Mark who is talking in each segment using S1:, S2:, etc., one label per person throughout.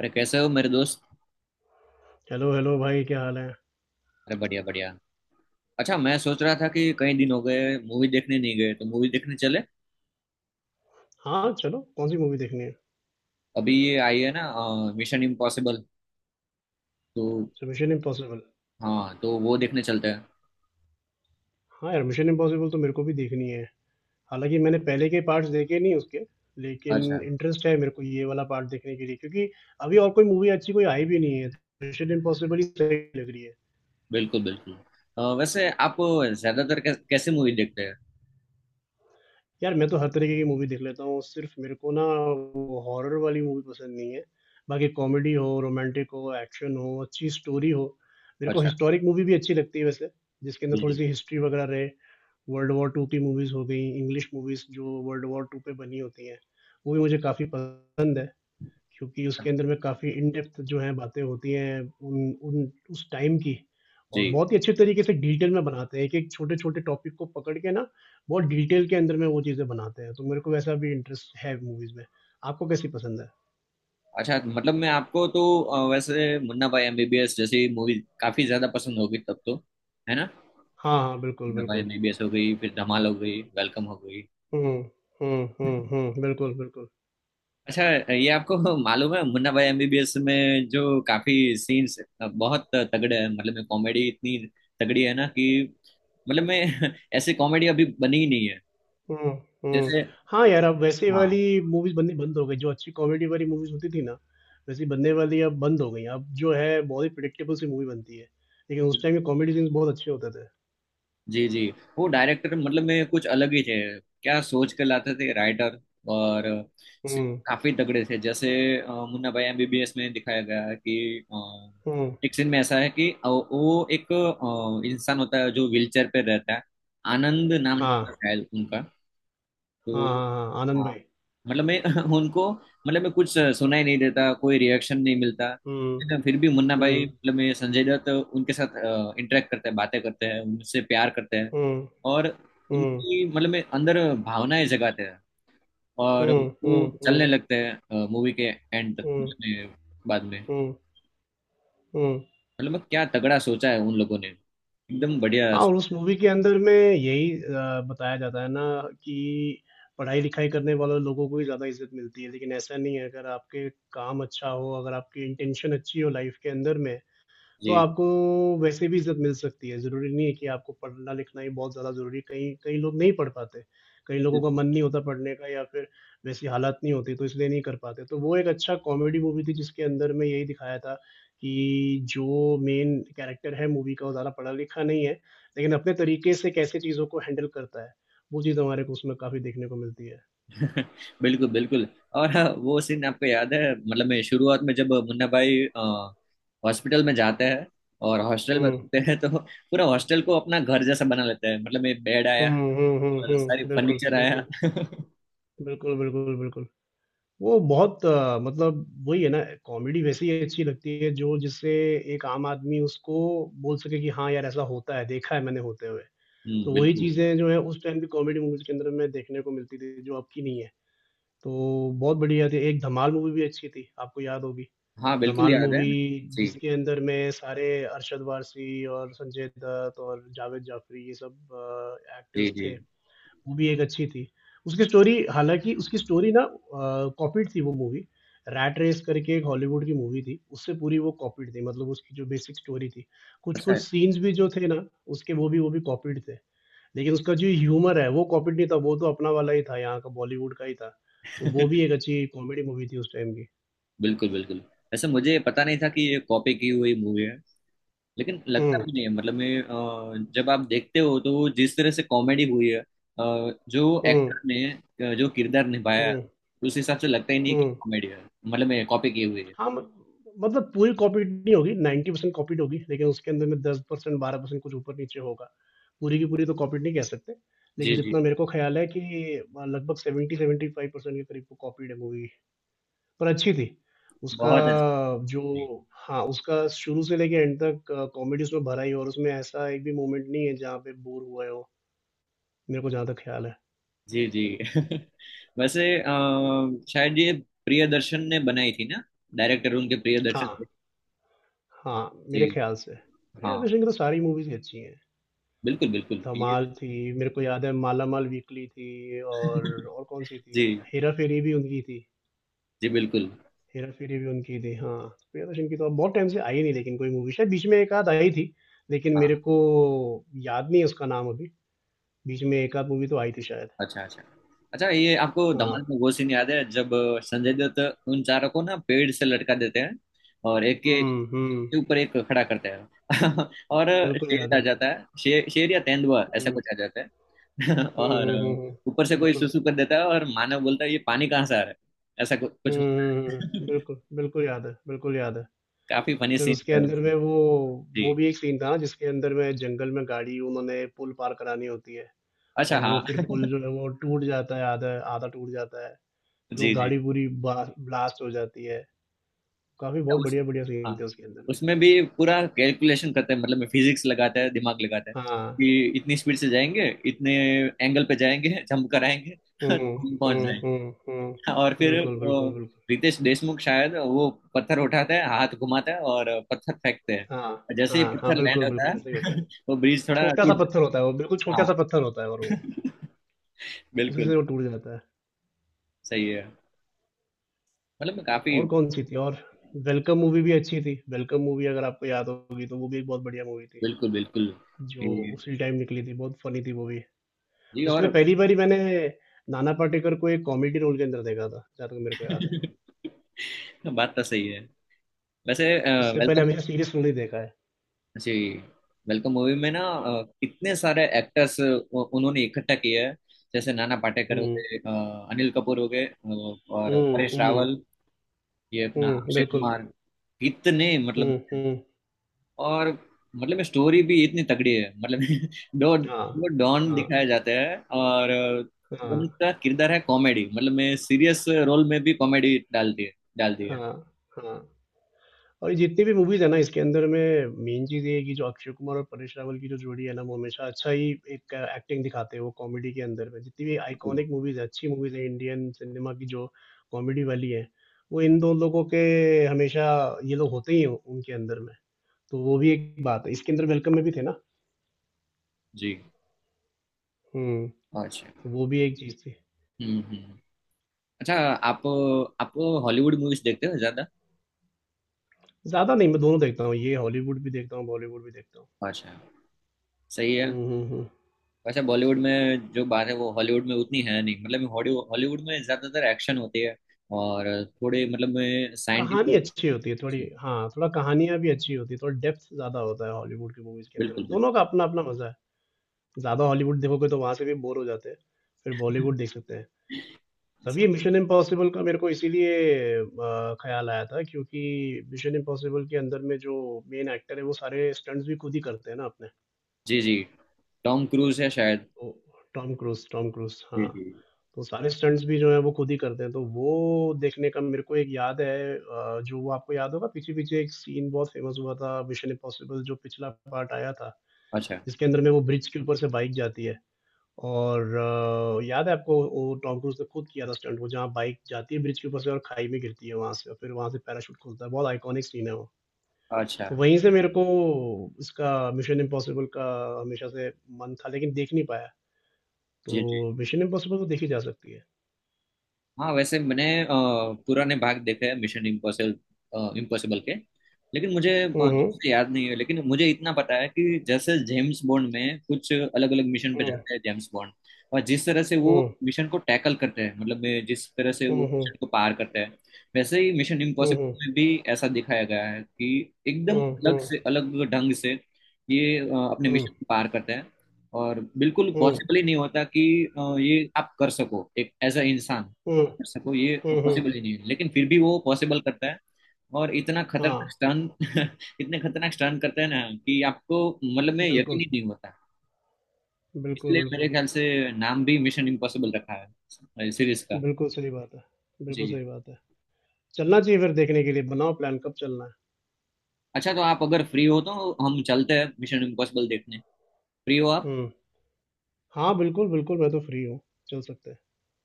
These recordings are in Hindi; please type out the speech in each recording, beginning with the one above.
S1: अरे कैसे हो मेरे दोस्त।
S2: हेलो हेलो भाई, क्या हाल है।
S1: अरे बढ़िया बढ़िया। अच्छा, मैं सोच रहा था कि कई दिन हो गए मूवी देखने नहीं गए, तो मूवी देखने चले।
S2: हाँ चलो, कौन सी मूवी देखनी है।
S1: अभी ये आई है ना, मिशन इम्पॉसिबल, तो।
S2: अच्छा, मिशन इम्पॉसिबल।
S1: हाँ, तो वो देखने चलते हैं।
S2: हाँ यार, मिशन इम्पॉसिबल तो मेरे को भी देखनी है। हालांकि मैंने पहले के पार्ट्स देखे नहीं उसके, लेकिन
S1: अच्छा,
S2: इंटरेस्ट है मेरे को ये वाला पार्ट देखने के लिए, क्योंकि अभी और कोई मूवी अच्छी कोई आई भी नहीं है। मिशन इम्पॉसिबल ही सही लग रही है।
S1: बिल्कुल बिल्कुल। वैसे आप ज्यादातर कैसे मूवी देखते हैं?
S2: यार मैं तो हर तरीके की मूवी देख लेता हूँ, सिर्फ मेरे को ना वो हॉरर वाली मूवी पसंद नहीं है। बाकी कॉमेडी हो, रोमांटिक हो, एक्शन हो, अच्छी स्टोरी हो, मेरे को
S1: अच्छा।
S2: हिस्टोरिक मूवी भी अच्छी लगती है वैसे, जिसके अंदर
S1: जी
S2: थोड़ी
S1: जी।
S2: सी हिस्ट्री वगैरह रहे। वर्ल्ड वॉर टू की मूवीज़ हो गई, इंग्लिश मूवीज़ जो वर्ल्ड वॉर टू पे बनी होती हैं, वो भी मुझे काफ़ी पसंद है। क्योंकि उसके अंदर में काफ़ी इन डेप्थ जो है बातें होती हैं उन उन उस टाइम की।
S1: जी।
S2: और बहुत ही अच्छे तरीके से डिटेल में बनाते हैं, एक एक छोटे छोटे टॉपिक को पकड़ के ना, बहुत डिटेल के अंदर में वो चीज़ें बनाते हैं, तो मेरे को वैसा भी इंटरेस्ट है मूवीज़ में। आपको कैसी पसंद है।
S1: अच्छा, मतलब मैं आपको तो वैसे मुन्ना भाई एमबीबीएस जैसी मूवी काफी ज्यादा पसंद होगी तब तो, है ना?
S2: हाँ हाँ, बिल्कुल
S1: मुन्ना भाई
S2: बिल्कुल।
S1: एमबीबीएस हो गई, फिर धमाल हो गई, वेलकम हो गई।
S2: हम्म, हम्म, बिल्कुल बिल्कुल।
S1: अच्छा, ये आपको मालूम है मुन्ना भाई एमबीबीएस में जो काफी सीन्स बहुत तगड़े हैं, मतलब में कॉमेडी इतनी तगड़ी है ना कि मतलब में ऐसी कॉमेडी अभी बनी ही नहीं है
S2: हम्म हम्म।
S1: जैसे।
S2: हाँ यार, अब वैसे वाली
S1: हाँ।
S2: मूवीज बननी बंद हो गई, जो अच्छी कॉमेडी वाली मूवीज होती थी ना, वैसी बनने वाली अब बंद हो गई। अब जो है बहुत ही प्रिडिक्टेबल सी मूवी बनती है, लेकिन उस टाइम के कॉमेडी सीन्स बहुत अच्छे होते थे।
S1: जी जी। वो डायरेक्टर मतलब में कुछ अलग ही थे, क्या सोच के लाते थे राइटर, और
S2: हम्म
S1: काफी तगड़े थे जैसे। मुन्ना भाई एमबीबीएस में दिखाया गया है कि
S2: हम्म।
S1: एक सीन में ऐसा है कि वो एक इंसान होता है जो व्हीलचेयर पे रहता है। आनंद नाम था
S2: हाँ
S1: शायद उनका,
S2: हाँ
S1: तो।
S2: हाँ, हाँ आनंद
S1: हाँ।
S2: भाई।
S1: मतलब मैं उनको मतलब मैं कुछ सुनाई नहीं देता, कोई रिएक्शन नहीं मिलता।
S2: हम्म
S1: लेकिन फिर भी मुन्ना भाई
S2: हम्म
S1: मतलब मैं संजय दत्त उनके साथ इंटरेक्ट करते हैं, बातें करते हैं, उनसे प्यार करते हैं,
S2: हम्म
S1: और
S2: हम्म
S1: उनकी मतलब में अंदर भावनाएं जगाते हैं, और
S2: हम्म हम्म
S1: वो
S2: हम्म
S1: चलने लगते हैं मूवी के एंड
S2: हम्म
S1: में, बाद में।
S2: हम्म हम्म।
S1: मतलब मैं क्या तगड़ा सोचा है उन लोगों ने, एकदम बढ़िया।
S2: हाँ, और उस मूवी के अंदर में यही बताया जाता है ना कि पढ़ाई लिखाई करने वाले लोगों को ही ज़्यादा इज्जत मिलती है, लेकिन ऐसा नहीं है। अगर आपके काम अच्छा हो, अगर आपकी इंटेंशन अच्छी हो लाइफ के अंदर में, तो
S1: जी
S2: आपको वैसे भी इज़्ज़त मिल सकती है। ज़रूरी नहीं है कि आपको पढ़ना-लिखना ही बहुत ज़्यादा ज़रूरी है, कई कई लोग नहीं पढ़ पाते, कई लोगों का मन नहीं होता पढ़ने का, या फिर वैसी हालात नहीं होती तो इसलिए नहीं कर पाते। तो वो एक अच्छा कॉमेडी मूवी थी, जिसके अंदर में यही दिखाया था कि जो मेन कैरेक्टर है मूवी का, वो ज़्यादा पढ़ा-लिखा नहीं है, लेकिन अपने तरीके से कैसे चीज़ों को हैंडल करता है, वो चीज़ हमारे को उसमें काफ़ी देखने को मिलती है।
S1: बिल्कुल बिल्कुल। और हाँ, वो सीन आपको याद है मतलब मैं शुरुआत में जब मुन्ना भाई हॉस्पिटल में जाते हैं और हॉस्टल में
S2: हुँ।
S1: रहते हैं, तो पूरा हॉस्टल को अपना घर जैसा बना लेते हैं, मतलब एक बेड
S2: हुँ
S1: आया
S2: हुँ हुँ
S1: और सारी
S2: हुँ, बिल्कुल
S1: फर्नीचर आया
S2: बिल्कुल।
S1: हम्म।
S2: बिल्कुल बिल्कुल बिल्कुल। वो बहुत मतलब वही है ना, कॉमेडी वैसी अच्छी लगती है जो जिससे एक आम आदमी उसको बोल सके कि हाँ यार, ऐसा होता है, देखा है मैंने होते हुए। तो वही
S1: बिल्कुल।
S2: चीज़ें जो है उस टाइम भी कॉमेडी मूवीज के अंदर में देखने को मिलती थी, जो अब की नहीं है। तो बहुत बढ़िया थी। एक धमाल मूवी भी अच्छी थी, आपको याद होगी
S1: हाँ बिल्कुल
S2: धमाल
S1: याद है।
S2: मूवी,
S1: जी
S2: जिसके अंदर में सारे अरशद वारसी और संजय दत्त और जावेद जाफरी ये सब
S1: जी।
S2: एक्टर्स
S1: जी,
S2: थे। वो भी एक अच्छी थी। उसकी स्टोरी, हालाँकि उसकी स्टोरी ना कॉपीड थी वो मूवी। रैट रेस करके एक हॉलीवुड की मूवी थी, उससे पूरी वो कॉपीड थी, मतलब उसकी जो बेसिक स्टोरी थी।
S1: ऐसा
S2: कुछ-कुछ
S1: है
S2: सीन्स भी जो थे ना, उसके वो भी कॉपीड थे। लेकिन उसका जो ह्यूमर है, वो कॉपीड नहीं था, वो तो अपना वाला ही था, यहाँ का बॉलीवुड का ही था। तो वो भी एक अच्छी कॉमेडी मूवी थी उस टाइम की।
S1: बिल्कुल बिल्कुल। वैसे मुझे पता नहीं था कि ये कॉपी की हुई मूवी है, लेकिन लगता
S2: हुँ
S1: भी नहीं है, मतलब मैं जब आप देखते हो तो जिस तरह से कॉमेडी हुई है, जो
S2: हुँ
S1: एक्टर ने जो किरदार निभाया है,
S2: हुँ
S1: उस हिसाब से लगता ही नहीं
S2: हुँ।
S1: कि कॉमेडी है, मतलब मैं कॉपी की हुई है।
S2: हाँ, म मतलब पूरी कॉपीड नहीं होगी, 90% कॉपीड होगी, लेकिन उसके अंदर में 10% 12% कुछ ऊपर-नीचे होगा। पूरी की पूरी तो कॉपीड नहीं कह सकते, लेकिन
S1: जी जी।
S2: जितना मेरे को ख़्याल है कि लगभग 70-75% के करीब वो कॉपीड है मूवी, पर अच्छी थी। उसका
S1: बहुत अच्छी।
S2: जो, हाँ, उसका शुरू से लेके एंड तक कॉमेडी उसमें भरा ही है, और उसमें ऐसा एक भी मोमेंट नहीं है जहाँ पे बोर हुए हो, मेरे को जहाँ तक ख़्याल है।
S1: जी जी वैसे शायद ये प्रियदर्शन ने बनाई थी ना, डायरेक्टर उनके प्रियदर्शन
S2: हाँ,
S1: थे।
S2: हाँ, मेरे
S1: जी।
S2: ख़्याल से। प्रिया
S1: हाँ
S2: दर्शन की तो सारी मूवीज़ ही अच्छी हैं।
S1: बिल्कुल बिल्कुल ये
S2: धमाल थी, मेरे को याद है मालामाल वीकली थी, और कौन-सी थी?
S1: जी
S2: हेरा फेरी भी उनकी थी।
S1: जी बिल्कुल।
S2: हेरा-फेरी भी उनकी थी, हाँ। प्रियदर्शन की तो अब बहुत टाइम से आई नहीं लेकिन कोई मूवी, शायद बीच में एक आध आई थी, लेकिन मेरे
S1: हाँ।
S2: को याद नहीं है उसका नाम अभी। बीच में एक आध मूवी तो आई थी शायद।
S1: अच्छा अच्छा। अच्छा, ये आपको धमाल
S2: हाँ।
S1: में वो सीन याद है जब संजय दत्त उन चारों को ना पेड़ से लटका देते हैं, और एक के
S2: हुँ हुँ,
S1: के ऊपर एक खड़ा करते हैं और
S2: बिल्कुल
S1: शेर
S2: याद
S1: आ
S2: है।
S1: जाता है, शेर शेर या तेंदुआ, ऐसा
S2: हुँ,
S1: कुछ आ जाता है
S2: हुँ
S1: और
S2: हुँ हुँ हुँ,
S1: ऊपर से कोई
S2: बिल्कुल।
S1: सुसु कर देता है और मानव बोलता है ये पानी कहाँ से आ रहा है, ऐसा कुछ
S2: हुँ
S1: कुछ होता
S2: हुँ हुँ हुँ,
S1: है
S2: बिल्कुल, बिल्कुल याद है, बिल्कुल याद है।
S1: काफी फनी
S2: फिर
S1: सीन
S2: उसके
S1: है
S2: अंदर
S1: उसमें।
S2: में वो
S1: जी।
S2: वो भी एक सीन था ना, जिसके अंदर में जंगल में गाड़ी उन्होंने पुल पार करानी होती है,
S1: अच्छा
S2: और वो
S1: हाँ
S2: फिर पुल जो है वो टूट जाता है, आधा आधा टूट जाता है। फिर वो
S1: जी जी।
S2: गाड़ी पूरी बा ब्लास्ट हो जाती है। काफ़ी बहुत
S1: तो उस,
S2: बढ़िया-बढ़िया सीन
S1: हाँ,
S2: थे उसके अंदर में।
S1: उसमें भी पूरा कैलकुलेशन करते हैं, मतलब फिजिक्स लगाता है, दिमाग लगाता है
S2: हाँ।
S1: कि इतनी स्पीड से जाएंगे, इतने एंगल पे जाएंगे, जंप कराएंगे
S2: हुँ
S1: तो हम
S2: हुँ
S1: पहुंच
S2: हुँ
S1: जाएंगे।
S2: हुँ,
S1: और फिर
S2: बिल्कुल
S1: वो
S2: बिल्कुल बिल्कुल।
S1: रितेश देशमुख शायद, वो पत्थर उठाता है, हाथ घुमाता है, और पत्थर फेंकते हैं।
S2: हाँ
S1: और जैसे ही
S2: हाँ हाँ,
S1: पत्थर लैंड
S2: बिल्कुल,
S1: होता
S2: बिल्कुल ऐसा ही होता
S1: है
S2: है।
S1: वो ब्रिज थोड़ा
S2: छोटा-सा
S1: टूट।
S2: पत्थर होता है वो, बिल्कुल
S1: हाँ
S2: छोटा-सा पत्थर होता है, और वो, उसी
S1: बिल्कुल।
S2: से वो टूट जाता है।
S1: सही है, मतलब काफी।
S2: और कौन-सी थी, और वेलकम मूवी भी अच्छी थी। वेलकम मूवी अगर आपको याद होगी तो वो भी एक बहुत बढ़िया मूवी थी,
S1: बिल्कुल बिल्कुल।
S2: जो
S1: जी
S2: उसी टाइम निकली थी, बहुत फ़नी थी वो भी।
S1: जी,
S2: उसमें
S1: और
S2: पहली बारी मैंने नाना पाटेकर को एक कॉमेडी रोल के अंदर देखा था, जहाँ तक मेरे को याद है।
S1: बात तो सही है। वैसे
S2: उससे पहले
S1: वेलकम।
S2: हमेशा सीरियस रोल ही देखा है।
S1: जी। वेलकम मूवी में ना कितने सारे एक्टर्स उन्होंने इकट्ठा किया है, जैसे नाना पाटेकर हो
S2: हुँ।
S1: गए, अनिल कपूर हो गए, और
S2: हुँ
S1: परेश
S2: हुँ
S1: रावल, ये अपना
S2: हुँ,
S1: अक्षय
S2: बिल्कुल।
S1: कुमार, इतने मतलब।
S2: हुँ हुँ।
S1: और मतलब स्टोरी भी इतनी तगड़ी है, मतलब दो
S2: हाँ
S1: दो डॉन
S2: हाँ
S1: दिखाए जाते हैं, और
S2: हाँ
S1: उनका किरदार है कॉमेडी, मतलब मैं सीरियस रोल में भी कॉमेडी डाल दी है, डाल दी है।
S2: हाँ हाँ। और जितनी भी मूवीज़ है ना, इसके अंदर में मेन चीज़ ये है कि जो अक्षय कुमार और परेश रावल की जो जोड़ी है ना, वो हमेशा अच्छा ही एक एक्टिंग दिखाते हैं वो कॉमेडी के अंदर में। जितनी भी
S1: बिल्कुल।
S2: आइकॉनिक मूवीज़ है, अच्छी मूवीज़ है इंडियन सिनेमा की जो कॉमेडी वाली है, वो इन 2 लोगों के, हमेशा ये लोग होते ही हैं उनके अंदर में। तो वो भी एक बात है, इसके अंदर वेलकम में भी थे ना?
S1: जी।
S2: हुँ,
S1: अच्छा
S2: तो वो भी एक चीज़ थी।
S1: हम्म। अच्छा, आप आप हॉलीवुड मूवीज देखते हो?
S2: ज़्यादा नहीं, मैं दोनों देखता हूँ, ये हॉलीवुड भी देखता हूँ, बॉलीवुड भी देखता हूँ।
S1: अच्छा सही है।
S2: हुँ हुँ हुँ।
S1: वैसे बॉलीवुड में जो बात है वो हॉलीवुड में उतनी है नहीं, मतलब हॉलीवुड हॉलीवुड में ज्यादातर एक्शन होती है, और थोड़े मतलब में
S2: कहानी
S1: साइंटिफिक।
S2: अच्छी होती है थोड़ी, हाँ, थोड़ा कहानियाँ भी अच्छी होती है, थोड़ा डेप्थ ज़्यादा होता है हॉलीवुड की मूवीज़ के अंदर
S1: बिल्कुल
S2: में,
S1: बिल्कुल
S2: दोनों का अपना-अपना मज़ा है। ज़्यादा हॉलीवुड देखोगे तो वहाँ से भी बोर हो जाते हैं, फिर बॉलीवुड देख सकते हैं। तभी
S1: सही।
S2: मिशन इम्पॉसिबल का मेरे को इसीलिए ख़्याल आया था, क्योंकि मिशन इम्पॉसिबल के अंदर में जो मेन एक्टर है वो सारे स्टंट्स भी खुद ही करते हैं ना अपने।
S1: जी जी। टॉम क्रूज है शायद।
S2: ओ, टॉम क्रूज़, टॉम क्रूज़,
S1: जी
S2: हाँ,
S1: जी।
S2: तो सारे स्टंट्स भी जो हैं वो खुद ही करते हैं, तो वो देखने का मेरे को एक, याद है जो, वो आपको याद होगा पीछे-पीछे, एक सीन बहुत फ़ेमस हुआ था मिशन इम्पॉसिबल जो पिछला पार्ट आया था,
S1: अच्छा
S2: जिसके अंदर में वो ब्रिज के ऊपर से बाइक जाती है और याद है आपको, वो टॉम क्रूज़ ने खुद किया था स्टंट, वो जहाँ बाइक जाती है ब्रिज के ऊपर से और खाई में गिरती है वहाँ से, और फिर वहाँ से पैराशूट खुलता है, बहुत आइकॉनिक सीन है वो।
S1: अच्छा।
S2: तो वहीं से मेरे को इसका मिशन इम्पॉसिबल का हमेशा से मन था, लेकिन देख नहीं पाया। तो
S1: जी जी।
S2: मिशन इम्पॉसिबल तो देखी जा सकती है।
S1: हाँ वैसे मैंने पुराने भाग देखे हैं मिशन इम्पॉसिबल इम्पॉसिबल के, लेकिन मुझे
S2: हुँ
S1: ठीक
S2: हुँ।
S1: से याद नहीं है। लेकिन मुझे इतना पता है कि जैसे जेम्स बॉन्ड में कुछ अलग अलग मिशन पे
S2: हुँ
S1: जाते हैं जेम्स बॉन्ड, और जिस तरह से वो
S2: हुँ
S1: मिशन को टैकल करते हैं, मतलब जिस तरह से वो
S2: हुँ हुँ
S1: मिशन को पार करते हैं, वैसे ही मिशन
S2: हुँ हुँ
S1: इम्पॉसिबल में भी ऐसा दिखाया गया है कि एकदम
S2: हुँ
S1: अलग
S2: हुँ
S1: से अलग ढंग से ये अपने
S2: हुँ
S1: मिशन को पार करते हैं, और बिल्कुल
S2: हुँ
S1: पॉसिबल ही नहीं होता कि ये आप कर सको, एक एज अ इंसान
S2: हुँ
S1: कर सको ये,
S2: हुँ हुँ।
S1: पॉसिबल ही नहीं है, लेकिन फिर भी वो पॉसिबल करता है, और इतना
S2: हाँ,
S1: खतरनाक स्टन इतने खतरनाक स्टन करता है ना कि आपको मतलब में यकीन
S2: बिल्कुल
S1: ही नहीं होता।
S2: बिल्कुल
S1: इसलिए
S2: बिल्कुल।
S1: मेरे ख्याल से नाम भी मिशन इम्पॉसिबल रखा है सीरीज का।
S2: बिल्कुल सही बात है,
S1: जी।
S2: बिल्कुल सही बात है। चलना चाहिए फिर देखने के लिए, बनाओ प्लान कब चलना है।
S1: अच्छा तो आप अगर फ्री हो तो हम चलते हैं मिशन इम्पॉसिबल देखने, फ्री हो आप?
S2: हुँ। हाँ, बिल्कुल बिल्कुल, मैं तो फ्री हूँ, चल सकते हैं।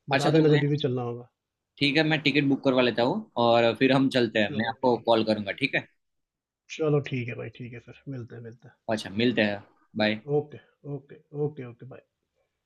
S2: बता
S1: अच्छा तो
S2: देना
S1: मैं,
S2: जभी भी चलना होगा।
S1: ठीक है, मैं टिकट बुक करवा लेता हूँ और फिर हम चलते हैं। मैं
S2: चलो
S1: आपको
S2: ठीक है,
S1: कॉल करूंगा, ठीक है?
S2: चलो ठीक है भाई, ठीक है फिर मिलते हैं, मिलते हैं।
S1: अच्छा मिलते हैं। Bye.
S2: Okay, okay, okay, okay, bye.